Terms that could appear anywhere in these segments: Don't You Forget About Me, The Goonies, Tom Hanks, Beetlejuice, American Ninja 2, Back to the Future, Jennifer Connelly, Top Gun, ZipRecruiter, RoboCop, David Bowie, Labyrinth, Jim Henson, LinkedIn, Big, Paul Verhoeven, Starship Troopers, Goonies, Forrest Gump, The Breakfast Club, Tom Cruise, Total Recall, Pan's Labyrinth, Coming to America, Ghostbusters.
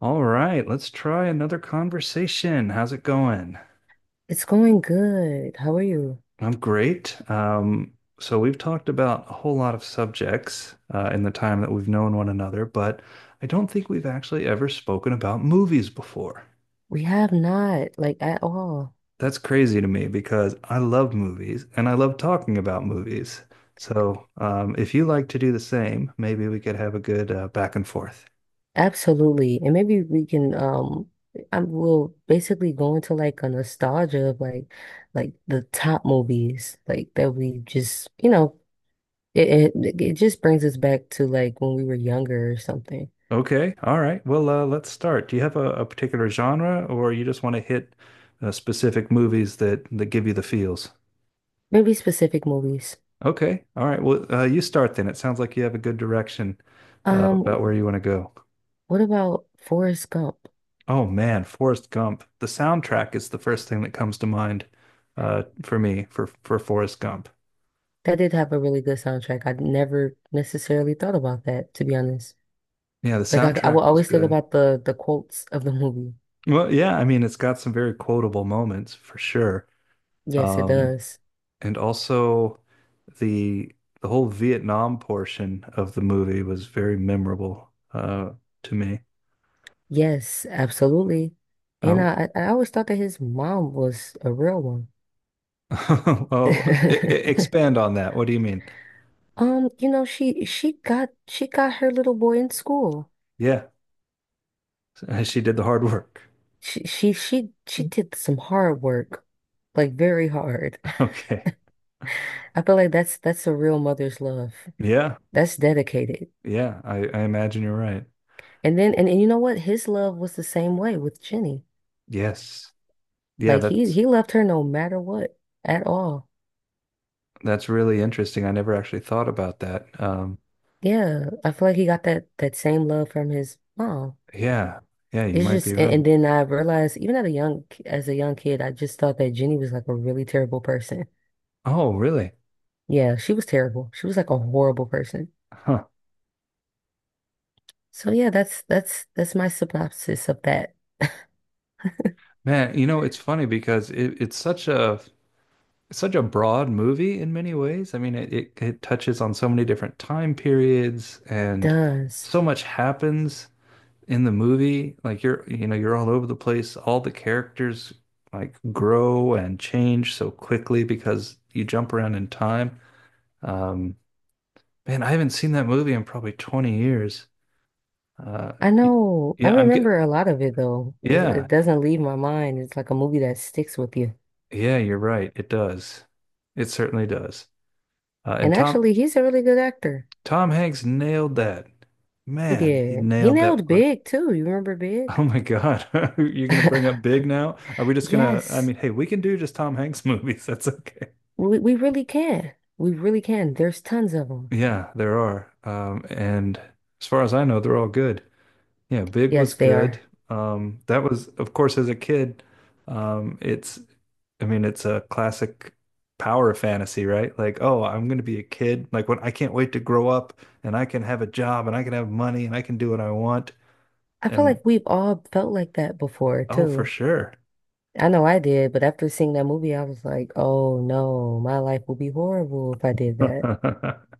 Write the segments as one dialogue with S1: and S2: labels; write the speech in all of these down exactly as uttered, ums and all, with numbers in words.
S1: All right, let's try another conversation. How's it going?
S2: It's going good. How are you?
S1: I'm great. Um, so we've talked about a whole lot of subjects uh, in the time that we've known one another, but I don't think we've actually ever spoken about movies before.
S2: We have not, like, at all.
S1: That's crazy to me because I love movies and I love talking about movies. So um, if you like to do the same, maybe we could have a good uh, back and forth.
S2: Absolutely. And maybe we can um I will basically go into like a nostalgia of like like the top movies like that we just, you know, it it, it just brings us back to like when we were younger or something.
S1: Okay. All right. Well, uh, let's start. Do you have a, a particular genre or you just want to hit uh, specific movies that, that give you the feels?
S2: Maybe specific movies.
S1: Okay. All right. Well, uh, you start then. It sounds like you have a good direction uh, about where
S2: Um,
S1: you want to go.
S2: what about Forrest Gump?
S1: Oh, man. Forrest Gump. The soundtrack is the first thing that comes to mind uh, for me for, for Forrest Gump.
S2: That did have a really good soundtrack. I never necessarily thought about that, to be honest.
S1: Yeah, the
S2: Like I, I will
S1: soundtrack was
S2: always think
S1: good.
S2: about the the quotes of the movie.
S1: Well, yeah. I mean, it's got some very quotable moments for sure.
S2: Yes, it
S1: Um,
S2: does.
S1: And also the the whole Vietnam portion of the movie was very memorable uh to me.
S2: Yes, absolutely. And
S1: Oh,
S2: I I I always thought that his mom was a real one.
S1: oh, e- e- expand on that. What do you mean?
S2: Um, you know, she she got she got her little boy in school.
S1: Yeah, she did the hard work.
S2: She she she she did some hard work, like very hard.
S1: Okay.
S2: I feel like that's that's a real mother's love.
S1: Yeah.
S2: That's dedicated.
S1: Yeah, I I imagine you're right.
S2: And then and, and you know what? His love was the same way with Jenny.
S1: Yes. Yeah,
S2: Like he
S1: that's
S2: he loved her no matter what at all.
S1: that's really interesting. I never actually thought about that. Um,
S2: Yeah, I feel like he got that that same love from his mom.
S1: yeah. Yeah, you
S2: It's
S1: might
S2: just,
S1: be
S2: and,
S1: right.
S2: and then I realized even at a young as a young kid, I just thought that Jenny was like a really terrible person.
S1: Oh, really?
S2: Yeah, she was terrible. She was like a horrible person.
S1: Huh.
S2: So yeah, that's that's that's my synopsis of that.
S1: Man, you know, it's funny because it, it's such a It's such a broad movie in many ways. I mean, it, it, it touches on so many different time periods
S2: It
S1: and
S2: does.
S1: so much happens in the movie. Like you're, you know, you're all over the place. All the characters like grow and change so quickly because you jump around in time. Um, Man, I haven't seen that movie in probably twenty years. Uh,
S2: I
S1: y-
S2: know. I
S1: yeah, I'm, ge-
S2: remember a lot of it though. It,
S1: yeah,
S2: it doesn't leave my mind. It's like a movie that sticks with you.
S1: yeah, you're right. It does. It certainly does. Uh,
S2: And
S1: and Tom,
S2: actually, he's a really good actor.
S1: Tom Hanks nailed that.
S2: He
S1: Man, he
S2: did. He
S1: nailed that
S2: nailed
S1: part.
S2: Big too. You remember Big?
S1: Oh my God. You're gonna bring up Big now? Are we just gonna, I
S2: Yes.
S1: mean, hey, we can do just Tom Hanks movies. That's okay.
S2: We we really can. We really can. There's tons of them.
S1: Yeah, there are. Um, and as far as I know, they're all good. Yeah, Big was
S2: Yes, they
S1: good.
S2: are.
S1: Um, that was, of course, as a kid, um, it's, I mean, it's a classic power fantasy, right? Like, oh, I'm going to be a kid. Like, when I can't wait to grow up and I can have a job and I can have money and I can do what I want.
S2: I feel
S1: And
S2: like we've all felt like that before
S1: oh, for
S2: too.
S1: sure.
S2: I know I did, but after seeing that movie, I was like, oh no, my life would be horrible if I did that.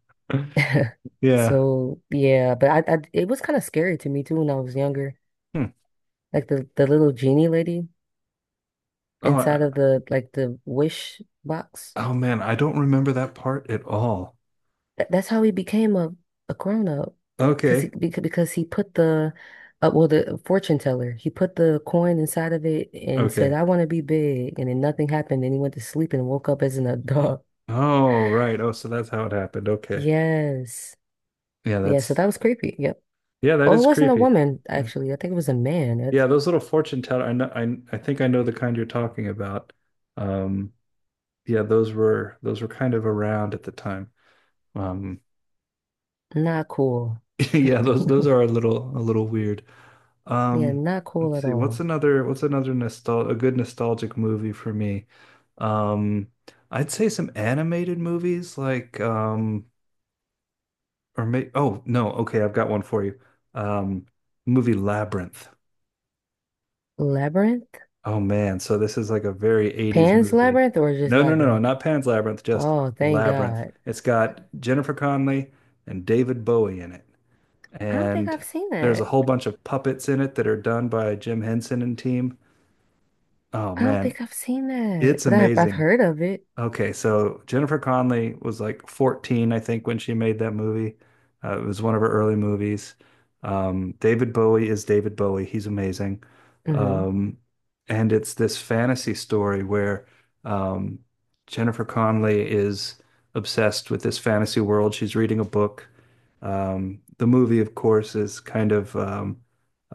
S1: Yeah.
S2: So yeah, but I, I it was kind of scary to me too when I was younger.
S1: Hmm.
S2: Like the the little genie lady
S1: Oh,
S2: inside
S1: I-
S2: of the like the wish box.
S1: oh man, I don't remember that part at all.
S2: That, that's how he became a, a grown up, because he
S1: Okay.
S2: because, because he put the uh, well the fortune teller he put the coin inside of it and said
S1: Okay.
S2: I want to be big, and then nothing happened, and he went to sleep and woke up as an adult.
S1: Oh, right. Oh, so that's how it happened. Okay.
S2: Yes,
S1: Yeah,
S2: yeah. So
S1: that's
S2: that was creepy. Yep.
S1: yeah, that
S2: Oh, it
S1: is
S2: wasn't a
S1: creepy.
S2: woman
S1: Yeah,
S2: actually. I think it was a man.
S1: yeah,
S2: That's
S1: those little fortune teller. I know. I I think I know the kind you're talking about. Um, yeah, those were those were kind of around at the time. Um,
S2: not cool.
S1: yeah, those those are a little a little weird.
S2: Yeah,
S1: Um,
S2: not cool
S1: let's
S2: at
S1: see. What's
S2: all.
S1: another what's another nostal a good nostalgic movie for me? Um, I'd say some animated movies like um or may oh no, okay, I've got one for you. Um, Movie Labyrinth.
S2: Labyrinth?
S1: Oh man, so this is like a very eighties
S2: Pan's
S1: movie.
S2: Labyrinth or just
S1: No, no, no, no,
S2: Labyrinth?
S1: not Pan's Labyrinth, just
S2: Oh, thank
S1: Labyrinth.
S2: God.
S1: It's got Jennifer Connelly and David Bowie in it.
S2: I don't think
S1: And
S2: I've seen
S1: there's a
S2: that.
S1: whole bunch of puppets in it that are done by Jim Henson and team. Oh
S2: I don't
S1: man,
S2: think I've seen that,
S1: it's
S2: but I've I've
S1: amazing.
S2: heard of it.
S1: Okay, so Jennifer Connelly was like fourteen, I think, when she made that movie. Uh, it was one of her early movies. Um, David Bowie is David Bowie. He's amazing.
S2: Mm-hmm.
S1: Um, and it's this fantasy story where um, Jennifer Connelly is obsessed with this fantasy world. She's reading a book. Um, the movie, of course, is kind of um,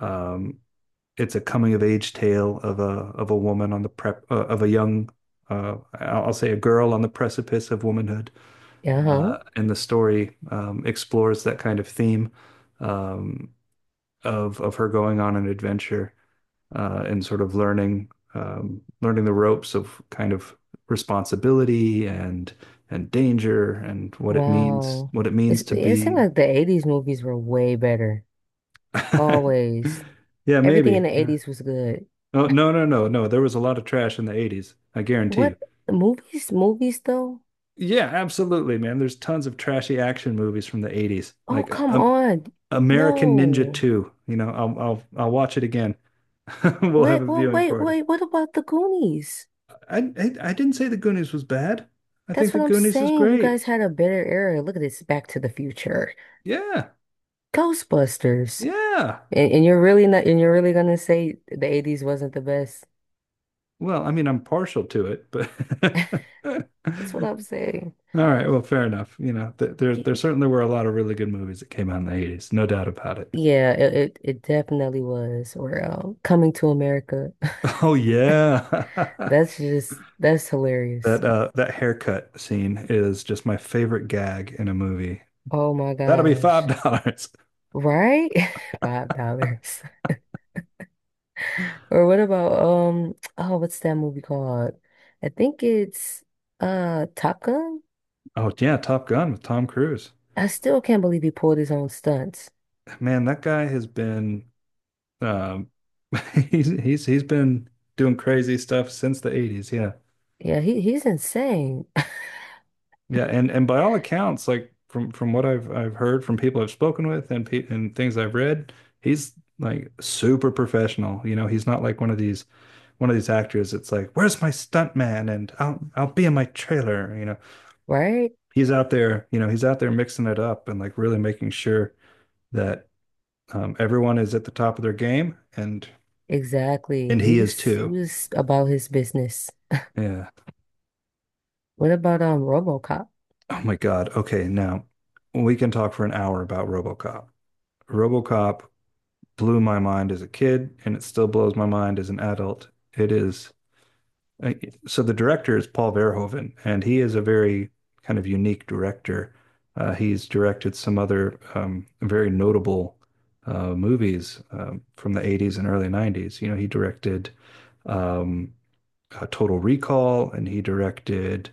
S1: um, it's a coming of age tale of a of a woman on the prep uh, of a young uh, I'll say a girl on the precipice of womanhood,
S2: Uh-huh.
S1: uh, and the story um, explores that kind of theme um, of of her going on an adventure uh, and sort of learning um, learning the ropes of kind of responsibility and and danger and what it means
S2: Wow.
S1: what it
S2: It's,
S1: means to
S2: it seemed
S1: be.
S2: like the eighties movies were way better. Always.
S1: Yeah,
S2: Everything in
S1: maybe.
S2: the
S1: Yeah.
S2: eighties was good.
S1: Oh, no, no, no, no. There was a lot of trash in the eighties. I guarantee you.
S2: What movies? Movies though?
S1: Yeah, absolutely, man. There's tons of trashy action movies from the eighties,
S2: Oh,
S1: like uh,
S2: come
S1: um,
S2: on.
S1: American Ninja
S2: No.
S1: two. You know, I'll I'll I'll watch it again. We'll have
S2: Wait,
S1: a
S2: well,
S1: viewing
S2: wait,
S1: party.
S2: wait. What about the Goonies?
S1: I, I I didn't say the Goonies was bad. I think
S2: That's
S1: the
S2: what I'm
S1: Goonies is
S2: saying. You
S1: great.
S2: guys had a better era. Look at this, Back to the Future.
S1: Yeah.
S2: Ghostbusters.
S1: Yeah.
S2: And, and you're really not and you're really gonna say the eighties wasn't the best.
S1: Well, I mean, I'm partial to it, but
S2: That's what I'm saying.
S1: all right, well, fair enough. You know, th there there
S2: Y-
S1: certainly were a lot of really good movies that came out in the eighties, no doubt about it.
S2: Yeah, it, it it definitely was. Or um, Coming to America.
S1: Oh yeah.
S2: That's just that's hilarious.
S1: That uh that haircut scene is just my favorite gag in a movie.
S2: Oh my
S1: That'll be
S2: gosh.
S1: five dollars.
S2: Right? Five dollars. Or what about um oh what's that movie called? I think it's uh Top Gun.
S1: Oh yeah, Top Gun with Tom Cruise.
S2: I still can't believe he pulled his own stunts.
S1: Man, that guy has been um he's he's he's been doing crazy stuff since the eighties, yeah.
S2: Yeah, he he's insane.
S1: Yeah, and and by all accounts, like from from what I've I've heard from people I've spoken with and pe and things I've read, he's like super professional. You know, he's not like one of these one of these actors. It's like, where's my stunt man? And I'll I'll be in my trailer. You know,
S2: Right?
S1: he's out there. You know, he's out there mixing it up and like really making sure that um, everyone is at the top of their game, and
S2: Exactly.
S1: and
S2: He
S1: he is
S2: was he
S1: too.
S2: was about his business.
S1: Yeah.
S2: What about um RoboCop?
S1: Oh my God. Okay, now we can talk for an hour about RoboCop. RoboCop blew my mind as a kid, and it still blows my mind as an adult. It is uh, so the director is Paul Verhoeven, and he is a very kind of unique director. Uh, he's directed some other um, very notable uh, movies um, from the eighties and early nineties. You know, he directed um, uh, Total Recall and he directed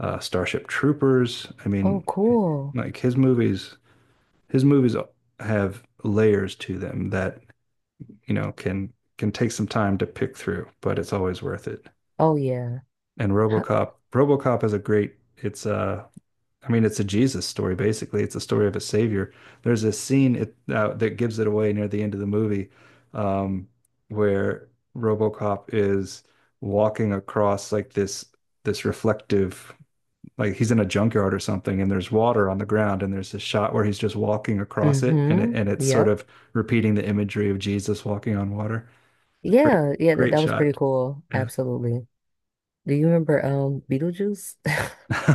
S1: uh, Starship Troopers. I
S2: Oh
S1: mean,
S2: cool.
S1: like his movies, his movies have layers to them that you know, can can take some time to pick through, but it's always worth it.
S2: Oh yeah.
S1: And RoboCop, RoboCop is a great. It's a, I mean, it's a Jesus story basically. It's a story of a savior. There's a scene it, uh, that gives it away near the end of the movie, um, where RoboCop is walking across like this this reflective like he's in a junkyard or something and there's water on the ground and there's this shot where he's just walking across it and it,
S2: Mm-hmm.
S1: and it's sort
S2: Yep.
S1: of repeating the imagery of Jesus walking on water. It's a great,
S2: Yeah. Yeah. That,
S1: great
S2: that was pretty
S1: shot.
S2: cool.
S1: Yeah.
S2: Absolutely. Do you remember um Beetlejuice?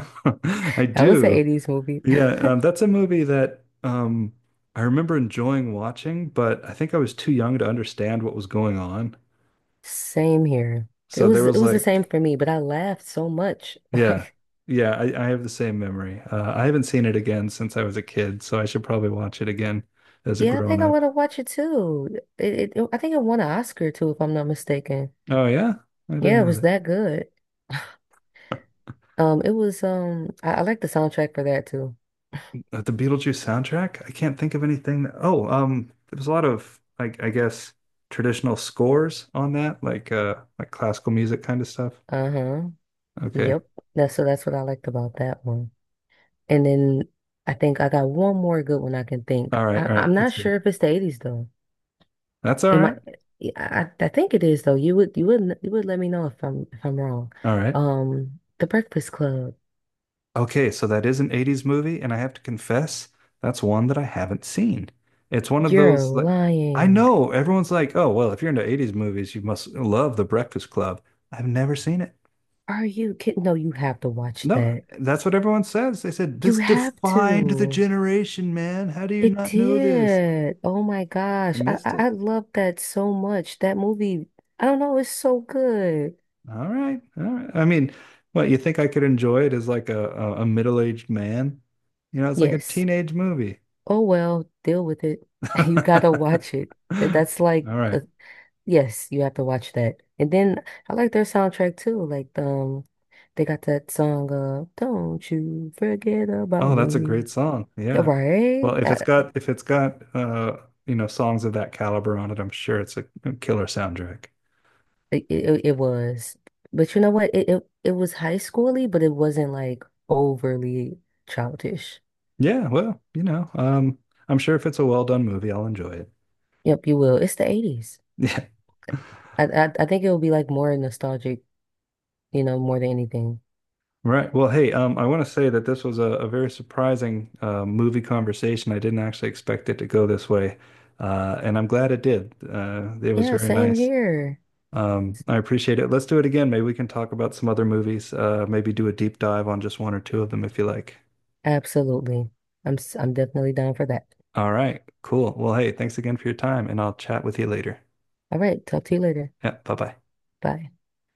S1: I
S2: That was an
S1: do.
S2: eighties movie.
S1: Yeah, um, that's a movie that um, I remember enjoying watching, but I think I was too young to understand what was going on.
S2: Same here. It
S1: So there
S2: was it
S1: was
S2: was the same
S1: like,
S2: for me, but I laughed so much.
S1: yeah,
S2: Like,
S1: yeah, I, I have the same memory. Uh, I haven't seen it again since I was a kid, so I should probably watch it again as a
S2: yeah, I
S1: grown
S2: think I
S1: up.
S2: want to watch it too. It, it I think it won an Oscar too, if I'm not mistaken.
S1: Oh, yeah, I didn't
S2: Yeah, it was
S1: know
S2: that good. Um, it was um I, I like the soundtrack for that too.
S1: uh, the Beetlejuice soundtrack? I can't think of anything that, oh, um, there was a lot of like I guess traditional scores on that, like uh like classical music kind of stuff.
S2: Uh-huh.
S1: Okay.
S2: Yep. That's so that's what I liked about that one. And then I think I got one more good one I can think.
S1: All right,
S2: I,
S1: all right,
S2: I'm not
S1: let's hear
S2: sure
S1: it.
S2: if it's the eighties though.
S1: That's all
S2: Am I?
S1: right.
S2: Yeah, I I think it is though. You would you would you would let me know if I'm if I'm wrong.
S1: All right.
S2: Um, The Breakfast Club.
S1: Okay, so that is an eighties movie, and I have to confess, that's one that I haven't seen. It's one of
S2: You're
S1: those like I
S2: lying.
S1: know everyone's like, oh well, if you're into eighties movies, you must love The Breakfast Club. I've never seen it.
S2: Are you kidding? No, you have to watch
S1: No,
S2: that.
S1: that's what everyone says. They said
S2: You
S1: this
S2: have
S1: defined the
S2: to.
S1: generation, man. How do you
S2: It
S1: not know this?
S2: did. Oh my
S1: I
S2: gosh. I
S1: missed
S2: I,
S1: it.
S2: I love that so much. That movie, I don't know, it's so good.
S1: All right. All right. I mean, what, you think I could enjoy it as like a, a, a middle-aged man? You know, it's like a
S2: Yes.
S1: teenage movie.
S2: Oh well, deal with it.
S1: All
S2: You gotta watch it. Th- That's like
S1: right.
S2: the Yes, you have to watch that. And then I like their soundtrack too. Like um, they got that song uh "Don't You Forget About
S1: Oh, that's a
S2: Me."
S1: great song.
S2: Yeah,
S1: Yeah. Well,
S2: right?
S1: if it's
S2: Uh,
S1: got if it's got uh, you know, songs of that caliber on it, I'm sure it's a a killer soundtrack.
S2: it, it it was, but you know what? It it it was high schooly, but it wasn't like overly childish.
S1: Yeah, well, you know, um, I'm sure if it's a well done movie, I'll enjoy it.
S2: Yep, you will. It's the eighties.
S1: Yeah.
S2: I I, I think it will be like more nostalgic, you know, more than anything.
S1: Right. Well, hey, um, I want to say that this was a, a very surprising uh, movie conversation. I didn't actually expect it to go this way, uh, and I'm glad it did. Uh, it was
S2: Yeah,
S1: very
S2: same
S1: nice.
S2: here.
S1: Um, I appreciate it. Let's do it again. Maybe we can talk about some other movies. Uh, maybe do a deep dive on just one or two of them if you like.
S2: Absolutely. I'm s- I'm definitely down for that.
S1: All right. Cool. Well, hey, thanks again for your time, and I'll chat with you later.
S2: All right, talk to you later.
S1: Yeah. Bye bye.
S2: Bye.